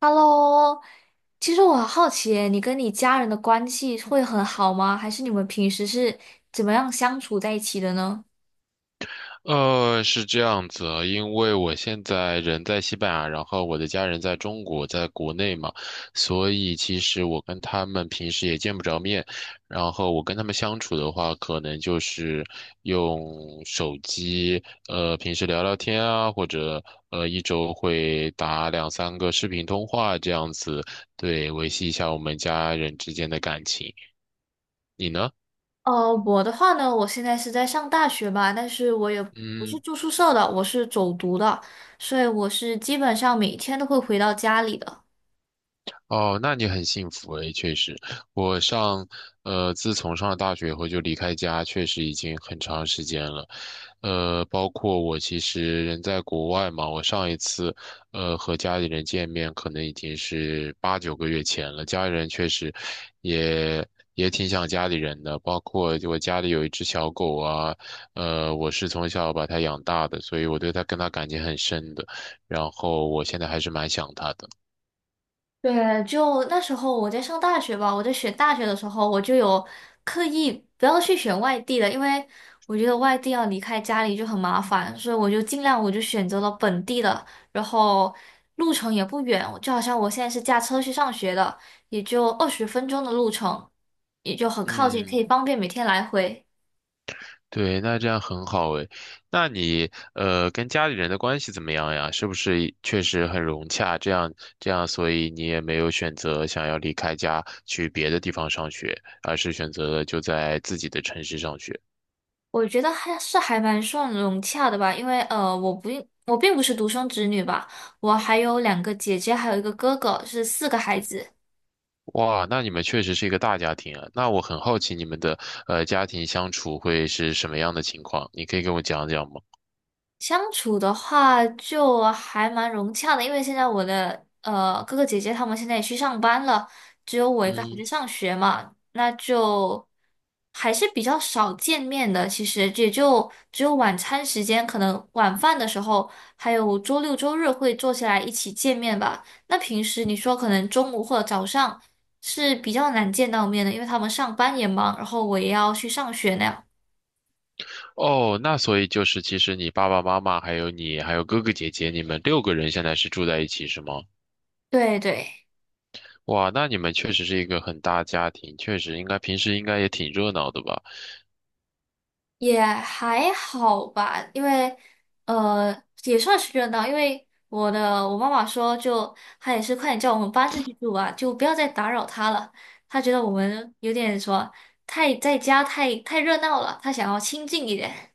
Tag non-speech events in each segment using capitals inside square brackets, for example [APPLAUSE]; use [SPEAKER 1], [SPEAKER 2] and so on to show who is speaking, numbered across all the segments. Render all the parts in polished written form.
[SPEAKER 1] Hello，其实我很好奇耶你跟你家人的关系会很好吗？还是你们平时是怎么样相处在一起的呢？
[SPEAKER 2] 是这样子啊，因为我现在人在西班牙，然后我的家人在中国，在国内嘛，所以其实我跟他们平时也见不着面。然后我跟他们相处的话，可能就是用手机，平时聊聊天啊，或者一周会打两三个视频通话这样子。对，维系一下我们家人之间的感情。你呢？
[SPEAKER 1] 我的话呢，我现在是在上大学吧，但是我也不是
[SPEAKER 2] 嗯。
[SPEAKER 1] 住宿舍的，我是走读的，所以我是基本上每天都会回到家里的。
[SPEAKER 2] 哦，那你很幸福诶，确实。我上，自从上了大学以后就离开家，确实已经很长时间了。包括我其实人在国外嘛。我上一次，和家里人见面可能已经是8、9个月前了。家里人确实也也挺想家里人的，包括我家里有一只小狗啊，我是从小把它养大的，所以我对它跟它感情很深的，然后我现在还是蛮想它的。
[SPEAKER 1] 对，就那时候我在上大学吧，我在选大学的时候，我就有刻意不要去选外地的，因为我觉得外地要离开家里就很麻烦，所以我就尽量我就选择了本地的，然后路程也不远，就好像我现在是驾车去上学的，也就20分钟的路程，也就很靠近，可
[SPEAKER 2] 嗯。
[SPEAKER 1] 以方便每天来回。
[SPEAKER 2] 对，那这样很好诶。那你跟家里人的关系怎么样呀？是不是确实很融洽？这样，所以你也没有选择想要离开家去别的地方上学，而是选择了就在自己的城市上学。
[SPEAKER 1] 我觉得还是还蛮算融洽的吧，因为我并不是独生子女吧，我还有2个姐姐，还有1个哥哥，是4个孩子。
[SPEAKER 2] 哇，那你们确实是一个大家庭啊。那我很好奇你们的家庭相处会是什么样的情况？你可以跟我讲讲吗？
[SPEAKER 1] 相处的话就还蛮融洽的，因为现在我的哥哥姐姐他们现在也去上班了，只有我一个还
[SPEAKER 2] 嗯。
[SPEAKER 1] 在上学嘛，那就还是比较少见面的。其实也就只有晚餐时间，可能晚饭的时候，还有周六周日会坐下来一起见面吧。那平时你说可能中午或者早上是比较难见到面的，因为他们上班也忙，然后我也要去上学那样。
[SPEAKER 2] 哦，那所以就是其实你爸爸妈妈还有你还有哥哥姐姐，你们六个人现在是住在一起是吗？
[SPEAKER 1] 对对。
[SPEAKER 2] 哇，那你们确实是一个很大家庭，确实应该平时应该也挺热闹的吧？
[SPEAKER 1] 也还好吧，因为呃也算是热闹，因为我妈妈说就她也是快点叫我们搬出去住吧，就不要再打扰她了。她觉得我们有点什么太在家太热闹了，她想要清静一点。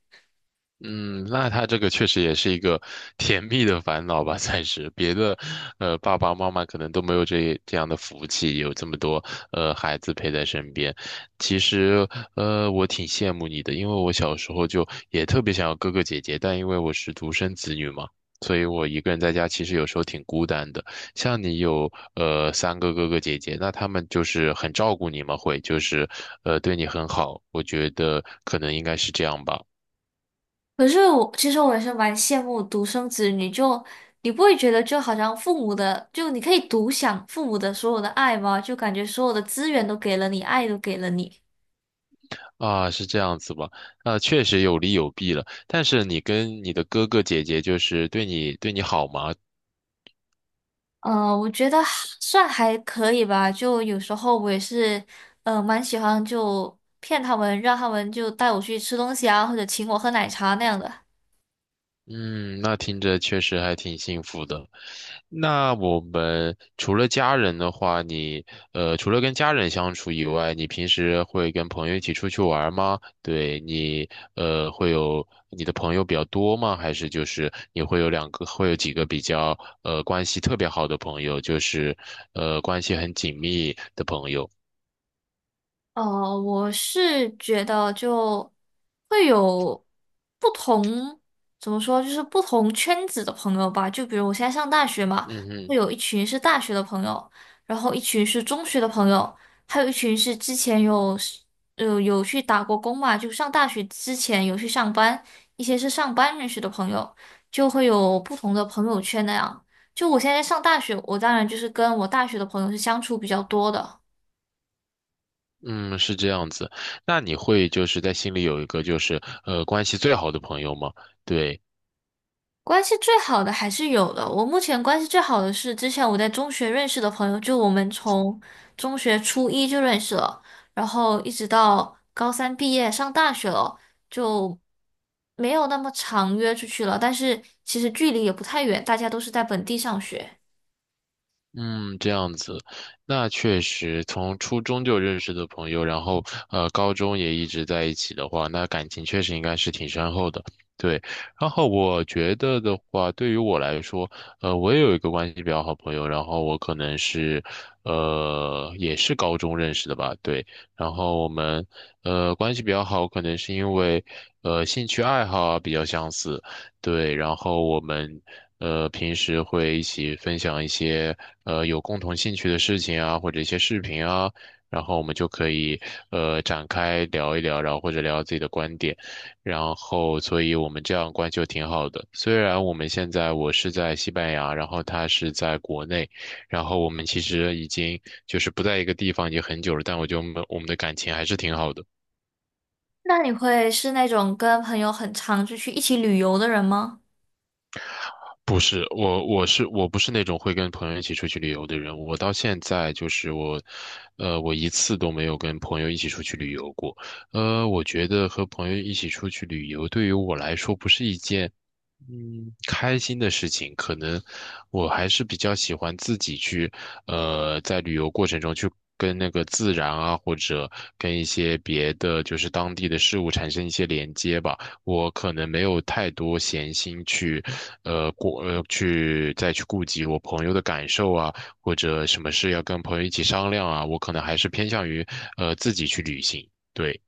[SPEAKER 2] 嗯，那他这个确实也是一个 [LAUGHS] 甜蜜的烦恼吧，算是别的。爸爸妈妈可能都没有这样的福气，有这么多孩子陪在身边。其实，我挺羡慕你的，因为我小时候就也特别想要哥哥姐姐，但因为我是独生子女嘛，所以我一个人在家其实有时候挺孤单的。像你有三个哥哥姐姐，那他们就是很照顾你们，会就是对你很好，我觉得可能应该是这样吧。
[SPEAKER 1] 可是我其实我也是蛮羡慕独生子女，就你不会觉得就好像父母的就你可以独享父母的所有的爱吗？就感觉所有的资源都给了你，爱都给了你。
[SPEAKER 2] 啊，是这样子吧？啊，确实有利有弊了。但是你跟你的哥哥姐姐，就是对你好吗？
[SPEAKER 1] 嗯，我觉得还算还可以吧，就有时候我也是，嗯，蛮喜欢就骗他们，让他们就带我去吃东西啊，或者请我喝奶茶那样的。
[SPEAKER 2] 嗯，那听着确实还挺幸福的。那我们除了家人的话，除了跟家人相处以外，你平时会跟朋友一起出去玩吗？对你呃，会有你的朋友比较多吗？还是就是你会有两个，会有几个比较关系特别好的朋友，就是关系很紧密的朋友？
[SPEAKER 1] 呃，我是觉得就会有不同，怎么说，就是不同圈子的朋友吧。就比如我现在上大学嘛，
[SPEAKER 2] 嗯哼。
[SPEAKER 1] 会有一群是大学的朋友，然后一群是中学的朋友，还有一群是之前有去打过工嘛，就上大学之前有去上班，一些是上班认识的朋友，就会有不同的朋友圈那样。就我现在上大学，我当然就是跟我大学的朋友是相处比较多的。
[SPEAKER 2] 嗯，是这样子。那你会就是在心里有一个就是关系最好的朋友吗？对。
[SPEAKER 1] 关系最好的还是有的。我目前关系最好的是之前我在中学认识的朋友，就我们从中学初一就认识了，然后一直到高三毕业上大学了，就没有那么常约出去了。但是其实距离也不太远，大家都是在本地上学。
[SPEAKER 2] 嗯，这样子。那确实从初中就认识的朋友，然后高中也一直在一起的话，那感情确实应该是挺深厚的。对。然后我觉得的话，对于我来说，我也有一个关系比较好朋友，然后我可能是，也是高中认识的吧。对，然后我们关系比较好，可能是因为兴趣爱好啊比较相似。对，然后我们平时会一起分享一些有共同兴趣的事情啊，或者一些视频啊，然后我们就可以展开聊一聊，然后或者聊自己的观点，然后所以我们这样关系就挺好的。虽然我们现在我是在西班牙，然后他是在国内，然后我们其实已经就是不在一个地方已经很久了，但我觉得我们的感情还是挺好的。
[SPEAKER 1] 那你会是那种跟朋友很常就去一起旅游的人吗？
[SPEAKER 2] 不是我。我不是那种会跟朋友一起出去旅游的人。我到现在就是我，呃，我一次都没有跟朋友一起出去旅游过。我觉得和朋友一起出去旅游对于我来说不是一件开心的事情。可能我还是比较喜欢自己去，在旅游过程中去跟那个自然啊，或者跟一些别的就是当地的事物产生一些连接吧。我可能没有太多闲心去，过去再去顾及我朋友的感受啊，或者什么事要跟朋友一起商量啊。我可能还是偏向于自己去旅行。对。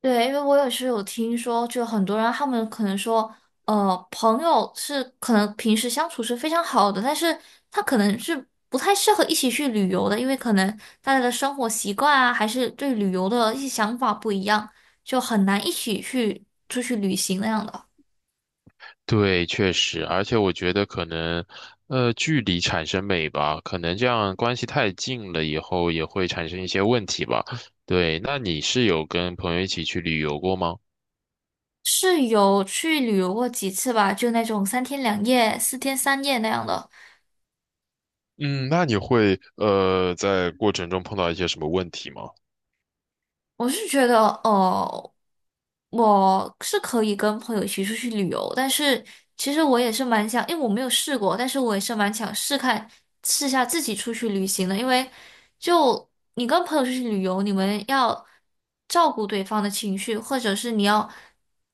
[SPEAKER 1] 对，因为我也是有听说，就很多人他们可能说，朋友是可能平时相处是非常好的，但是他可能是不太适合一起去旅游的，因为可能大家的生活习惯啊，还是对旅游的一些想法不一样，就很难一起去出去旅行那样的。
[SPEAKER 2] 对，确实。而且我觉得可能，距离产生美吧，可能这样关系太近了以后也会产生一些问题吧。对，那你是有跟朋友一起去旅游过吗？
[SPEAKER 1] 是有去旅游过几次吧，就那种三天两夜、四天三夜那样的。
[SPEAKER 2] 嗯，那你会在过程中碰到一些什么问题吗？
[SPEAKER 1] 我是觉得，哦，我是可以跟朋友一起出去旅游，但是其实我也是蛮想，因为我没有试过，但是我也是蛮想试看试下自己出去旅行的，因为就你跟朋友出去旅游，你们要照顾对方的情绪，或者是你要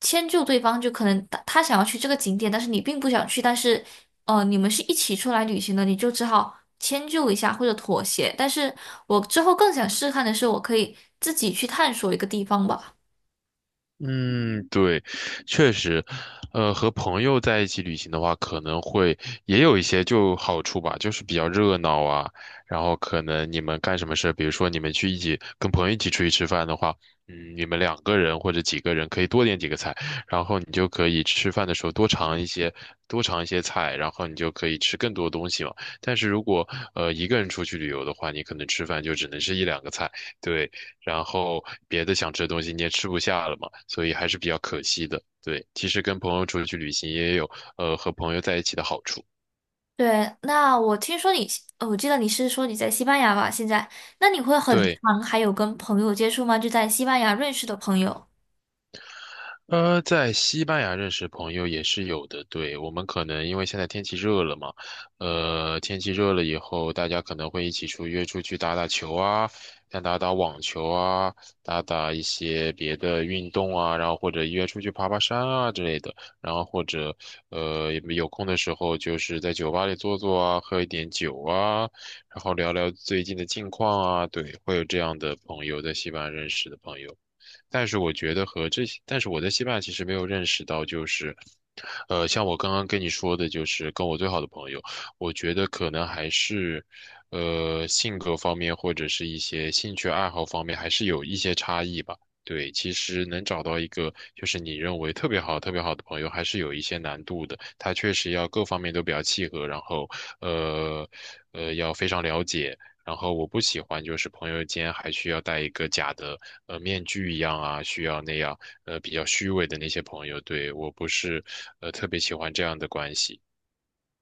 [SPEAKER 1] 迁就对方，就可能他想要去这个景点，但是你并不想去，但是你们是一起出来旅行的，你就只好迁就一下或者妥协。但是我之后更想试看的是，我可以自己去探索一个地方吧。
[SPEAKER 2] 嗯，对，确实。和朋友在一起旅行的话，可能会也有一些就好处吧，就是比较热闹啊。然后可能你们干什么事，比如说你们去一起跟朋友一起出去吃饭的话，嗯，你们两个人或者几个人可以多点几个菜，然后你就可以吃饭的时候多尝一些，多尝一些菜，然后你就可以吃更多东西嘛。但是如果一个人出去旅游的话，你可能吃饭就只能是一两个菜。对。然后别的想吃的东西你也吃不下了嘛，所以还是比较可惜的。对，其实跟朋友出去旅行也有和朋友在一起的好处。
[SPEAKER 1] 对，那我听说你，我记得你是说你在西班牙吧？现在，那你会很
[SPEAKER 2] 对。
[SPEAKER 1] 常还有跟朋友接触吗？就在西班牙认识的朋友。
[SPEAKER 2] 在西班牙认识朋友也是有的。对，我们可能因为现在天气热了嘛。天气热了以后，大家可能会一起约出去打打球啊，像打打网球啊，打打一些别的运动啊，然后或者约出去爬爬山啊之类的。然后或者有空的时候就是在酒吧里坐坐啊，喝一点酒啊，然后聊聊最近的近况啊。对，会有这样的朋友，在西班牙认识的朋友。但是我觉得和这些，但是我在西班牙其实没有认识到，就是，像我刚刚跟你说的，就是跟我最好的朋友，我觉得可能还是，性格方面或者是一些兴趣爱好方面，还是有一些差异吧。对，其实能找到一个就是你认为特别好、特别好的朋友，还是有一些难度的。他确实要各方面都比较契合。然后，呃，要非常了解。然后我不喜欢就是朋友间还需要戴一个假的面具一样啊，需要那样比较虚伪的那些朋友。对，我不是特别喜欢这样的关系。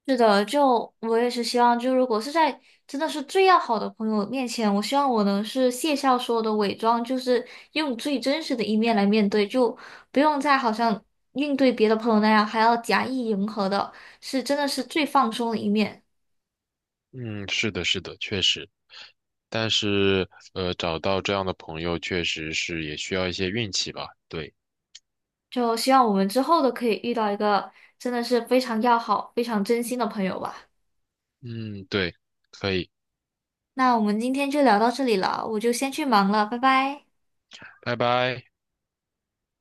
[SPEAKER 1] 是的，就我也是希望，就如果是在真的是最要好的朋友面前，我希望我能是卸下所有的伪装，就是用最真实的一面来面对，就不用再好像应对别的朋友那样还要假意迎合的，是真的是最放松的一面。
[SPEAKER 2] 嗯，是的，是的，确实。但是，找到这样的朋友确实是也需要一些运气吧。对。
[SPEAKER 1] 就希望我们之后都可以遇到一个真的是非常要好、非常真心的朋友吧。
[SPEAKER 2] 嗯，对，可以。
[SPEAKER 1] 那我们今天就聊到这里了，我就先去忙了，拜拜。
[SPEAKER 2] 拜拜。